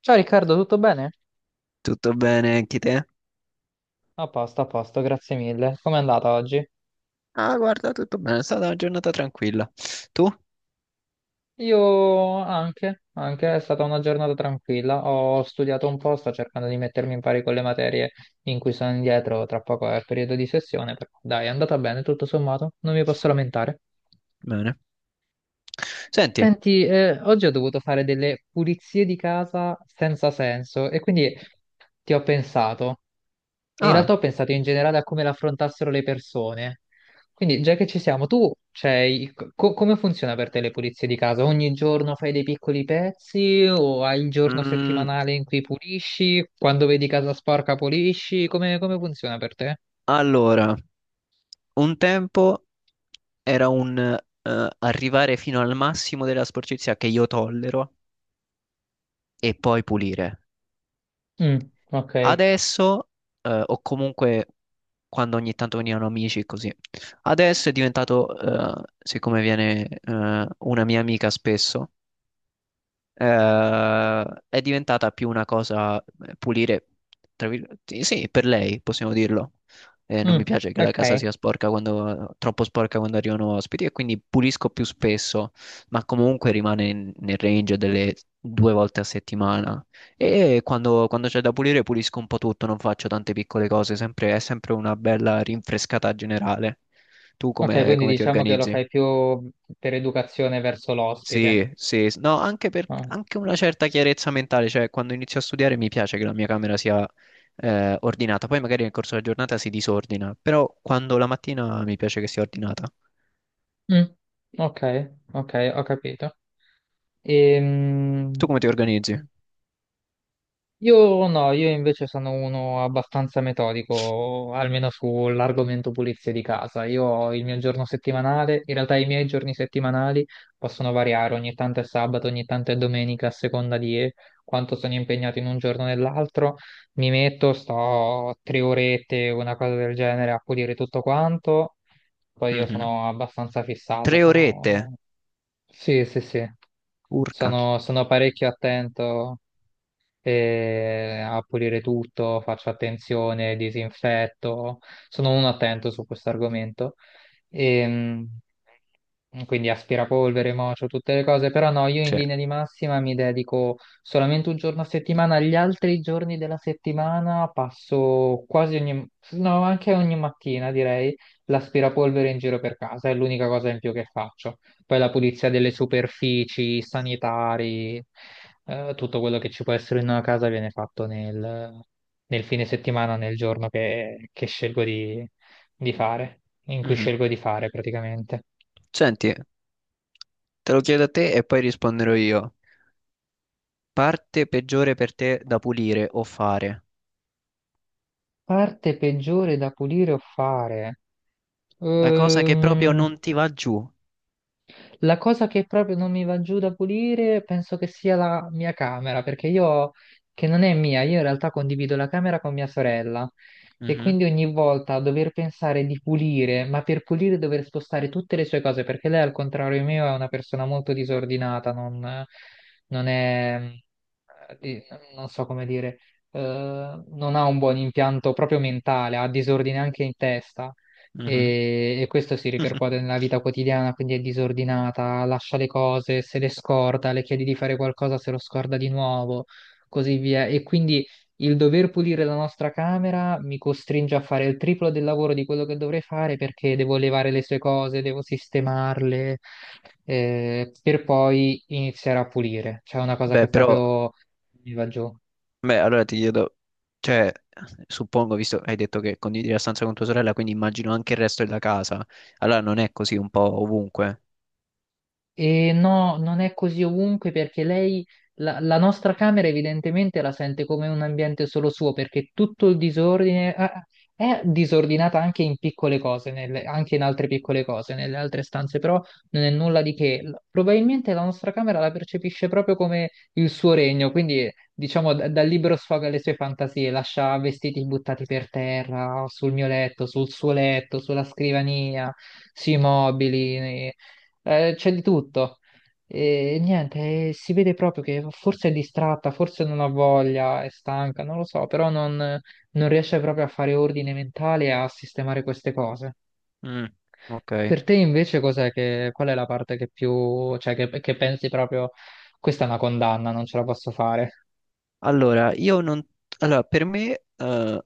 Ciao Riccardo, tutto bene? Tutto bene anche te? A posto, grazie mille. Com'è andata oggi? Ah, guarda, tutto bene, è stata una giornata tranquilla. Tu? Io anche, anche, è stata una giornata tranquilla. Ho studiato un po', sto cercando di mettermi in pari con le materie in cui sono indietro, tra poco è il periodo di sessione, però dai, è andata bene tutto sommato, non mi posso lamentare. Bene. Senti, Senti, oggi ho dovuto fare delle pulizie di casa senza senso e quindi ti ho pensato. In ah, realtà ho pensato in generale a come l'affrontassero le persone. Quindi, già che ci siamo, tu c'hai... come funziona per te le pulizie di casa? Ogni giorno fai dei piccoli pezzi o hai il giorno mm, settimanale in cui pulisci? Quando vedi casa sporca pulisci? Come, come funziona per te? allora, un tempo era un arrivare fino al massimo della sporcizia che io tollero e poi pulire. Mm, ok. Adesso, o comunque quando ogni tanto venivano amici e così, adesso è diventato, siccome viene una mia amica spesso. Eh, è diventata più una cosa pulire, tra virgolette, sì, sì, per lei possiamo dirlo. Non mi Mm, piace che la casa ok. sia sporca quando, troppo sporca quando arrivano ospiti, e quindi pulisco più spesso, ma comunque rimane nel range delle due volte a settimana. E quando, quando c'è da pulire, pulisco un po' tutto, non faccio tante piccole cose, è sempre una bella rinfrescata generale. Tu Ok, come quindi come ti diciamo che lo organizzi? fai più per educazione verso l'ospite. Sì, sì, no, anche per Ah. anche una certa chiarezza mentale, cioè quando inizio a studiare mi piace che la mia camera sia ordinata, poi magari nel corso della giornata si disordina, però quando la mattina mi piace che sia ordinata. Mm, ok, ok, ho capito. Tu Ehm, come ti organizzi? Io no, io invece sono uno abbastanza metodico, almeno sull'argomento pulizia di casa. Io ho il mio giorno settimanale, in realtà i miei giorni settimanali possono variare, ogni tanto è sabato, ogni tanto è domenica, a seconda di quanto sono impegnato in un giorno o nell'altro. Mi metto, sto tre orette, una cosa del genere, a pulire tutto quanto. Poi io Mhm. sono abbastanza fissato, Tre orette, sono... Sì, sì, sì, urca. sono parecchio attento e a pulire tutto, faccio attenzione, disinfetto, sono un attento su questo argomento. Ehm, quindi aspirapolvere, mocio, tutte le cose, però no, io in Sì. linea di massima mi dedico solamente un giorno a settimana, gli altri giorni della settimana passo quasi ogni, no, anche ogni mattina direi, l'aspirapolvere in giro per casa, è l'unica cosa in più che faccio. Poi la pulizia delle superfici, i sanitari, tutto quello che ci può essere in una casa viene fatto nel, nel fine settimana, nel giorno che scelgo di fare, in cui Mhm. scelgo di fare praticamente. Senti, te lo chiedo a te e poi risponderò io. Parte peggiore per te da pulire o fare? Parte peggiore da pulire o fare? La cosa che proprio Ehm, non ti va giù. la cosa che proprio non mi va giù da pulire penso che sia la mia camera, perché io, che non è mia, io in realtà condivido la camera con mia sorella e Mhm. quindi ogni volta a dover pensare di pulire, ma per pulire dover spostare tutte le sue cose, perché lei al contrario mio è una persona molto disordinata, non, non è, eh, di- non so come dire, eh, non ha un buon impianto proprio mentale, ha disordine anche in testa Mhm. E questo si ripercuote nella vita quotidiana, quindi è disordinata, lascia le cose, se le scorda, le chiedi di fare qualcosa, se lo scorda di nuovo, così via. E quindi il dover pulire la nostra camera mi costringe a fare il triplo del lavoro di quello che dovrei fare perché devo levare le sue cose, devo sistemarle, per poi iniziare a pulire. C'è una cosa Beh, che però. proprio mi va giù. Beh, allora ti chiedo, cioè, suppongo, visto che hai detto che condividi la stanza con tua sorella, quindi immagino anche il resto della casa. Allora non è così un po' ovunque. E no, non è così ovunque perché lei, la, la nostra camera evidentemente la sente come un ambiente solo suo perché tutto il disordine ah, ah, è disordinata anche in piccole cose, anche in altre piccole cose, nelle altre stanze, però non è nulla di che. Probabilmente la nostra camera la percepisce proprio come il suo regno, quindi diciamo dal libro sfoga le sue fantasie, lascia vestiti buttati per terra, sul mio letto, sul suo letto, sulla scrivania sui mobili, c'è di tutto. E niente, si vede proprio che forse è distratta, forse non ha voglia, è stanca, non lo so, però non, non riesce proprio a fare ordine mentale e a sistemare queste cose. Mm, ok. Per te invece cos'è che, qual è la parte che più, cioè che pensi proprio, questa è una condanna, non ce la posso fare. Allora, io non... Allora, per me,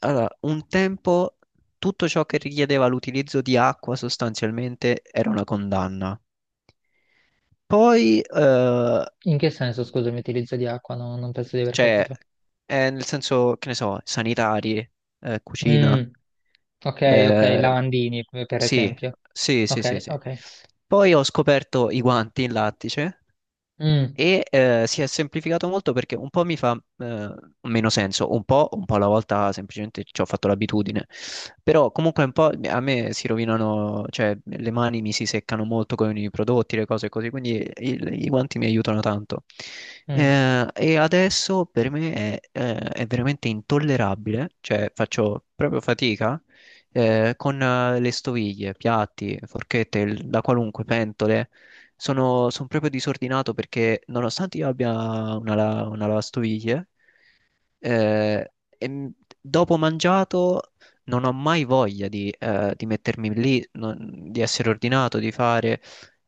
allora, un tempo tutto ciò che richiedeva l'utilizzo di acqua sostanzialmente era una condanna. Poi, eh. In che senso, scusami, utilizzo di acqua? No, non penso di aver Cioè, capito. Nel senso, che ne so, sanitari, Mm, cucina. ok, ok, eh, lavandini per sì, esempio. sì, sì, sì, Ok, sì. ok. Poi ho scoperto i guanti in lattice. Mm, E si è semplificato molto perché un po' mi fa meno senso, un po' alla volta semplicemente ci ho fatto l'abitudine, però comunque un po' a me si rovinano, cioè le mani mi si seccano molto con i prodotti, le cose così, quindi i, i guanti mi aiutano tanto. mm. E adesso per me è veramente intollerabile, cioè faccio proprio fatica con le stoviglie, piatti, forchette, da qualunque, pentole. Sono, son proprio disordinato perché nonostante io abbia una, una lavastoviglie, eh, e dopo mangiato non ho mai voglia di mettermi lì, di essere ordinato, di fare.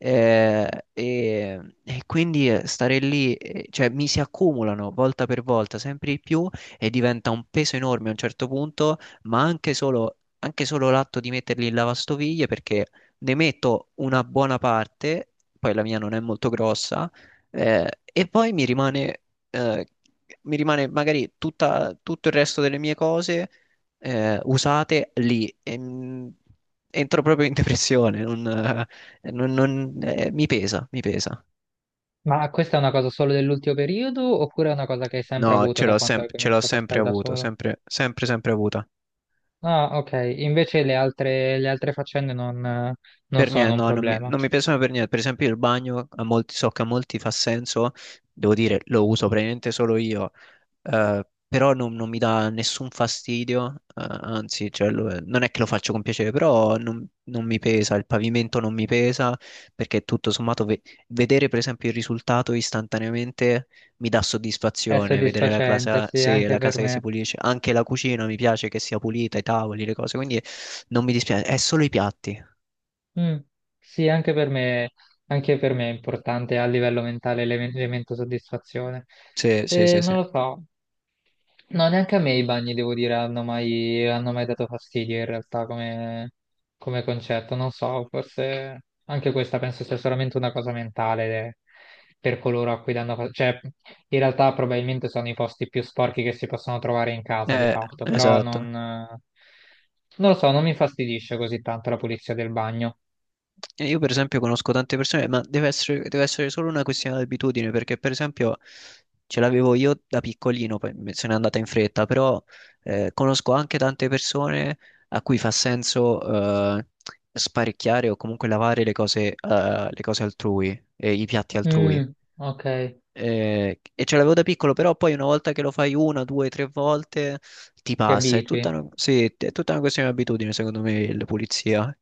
E, e quindi stare lì, cioè mi si accumulano volta per volta sempre di più e diventa un peso enorme a un certo punto, ma anche solo l'atto di metterli in lavastoviglie perché ne metto una buona parte, poi la mia non è molto grossa, e poi eh, mi rimane magari tutto il resto delle mie cose usate lì. E, entro proprio in depressione, mi pesa, mi pesa. Ma questa è una cosa solo dell'ultimo periodo oppure è una cosa che hai sempre No, avuto ce da l'ho quando hai ce l'ho cominciato a sempre stare da avuto, solo? sempre, sempre, sempre avuta. Ah, ok, invece le altre faccende non, non Per niente, sono un no, problema. non mi piacciono per niente. Per esempio il bagno, a molti, so che a molti fa senso, devo dire, lo uso praticamente solo io, però non, non mi dà nessun fastidio, anzi, cioè, non è che lo faccio con piacere, però non, non mi pesa, il pavimento non mi pesa, perché tutto sommato vedere per esempio il risultato istantaneamente mi dà È soddisfazione, vedere la soddisfacente, casa, sì, se anche la per casa che me. si pulisce, anche la cucina mi piace che sia pulita, i tavoli, le cose, quindi non mi dispiace, è solo i piatti. Mm, sì, anche per me è importante a livello mentale l'elemento soddisfazione. Sì, sì, sì, sì. Non lo so, no, neanche a me i bagni, devo dire, hanno mai dato fastidio in realtà come, come concetto. Non so, forse anche questa penso sia solamente una cosa mentale per coloro a cui danno fastidio. Cioè, in realtà probabilmente sono i posti più sporchi che si possono trovare in casa, di Eh, fatto, però non, esatto. Non lo so, non mi fastidisce così tanto la pulizia del bagno. E io per esempio conosco tante persone, ma deve essere solo una questione di abitudine, perché per esempio ce l'avevo io da piccolino, poi se n'è andata in fretta, però conosco anche tante persone a cui fa senso sparecchiare o comunque lavare le cose altrui, e i piatti altrui. Mm, ok, E ce l'avevo da piccolo, però poi una volta che lo fai una, due, tre volte ti ti passa. È abitui. tutta una, sì, è tutta una questione di abitudine, secondo me, la pulizia.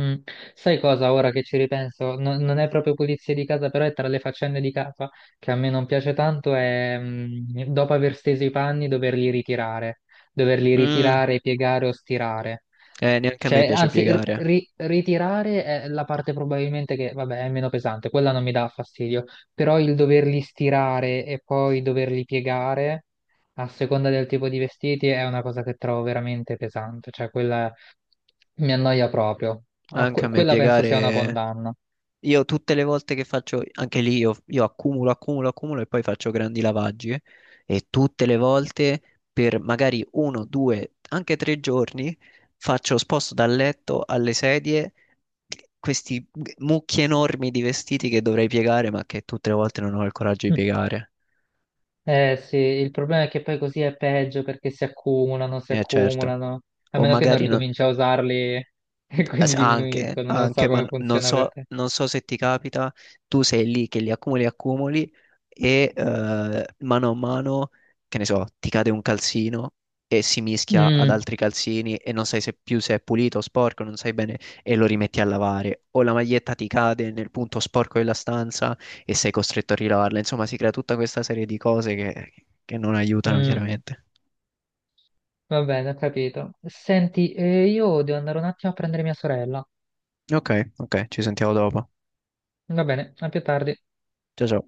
Mm. Sai cosa, ora che ci ripenso, non è proprio pulizia di casa, però è tra le faccende di casa che a me non piace tanto, è mm, dopo aver steso i panni doverli Mm, ritirare, piegare o stirare. Neanche a me Cioè, piace anzi, piegare. Ritirare è la parte probabilmente che, vabbè, è meno pesante, quella non mi dà fastidio, però il doverli stirare e poi doverli piegare a seconda del tipo di vestiti è una cosa che trovo veramente pesante, cioè quella mi annoia proprio. Ah, Anche a me quella penso sia una piegare. condanna. Io tutte le volte che faccio, anche lì io accumulo, accumulo, accumulo e poi faccio grandi lavaggi e tutte le volte per magari uno, due, anche tre giorni faccio, sposto dal letto alle sedie questi mucchi enormi di vestiti che dovrei piegare ma che tutte le volte non ho il coraggio di Mm. piegare. Eh sì, il problema è che poi così è peggio perché si Eh certo. accumulano, a O meno che non magari no- ricominci a usarli e quindi Anche, diminuiscono, non so anche, ma come non funziona per so, te. non so se ti capita, tu sei lì che li accumuli, accumuli e mano a mano, che ne so, ti cade un calzino e si mischia ad Mm, altri calzini e non sai se più se è pulito o sporco, non sai bene e lo rimetti a lavare. O la maglietta ti cade nel punto sporco della stanza e sei costretto a rilavarla. Insomma, si crea tutta questa serie di cose che non aiutano mm. chiaramente. Va bene, ho capito. Senti, io devo andare un attimo a prendere mia sorella. Ok, ok, ci sentiamo dopo. Va bene, a più tardi. Ciao ciao.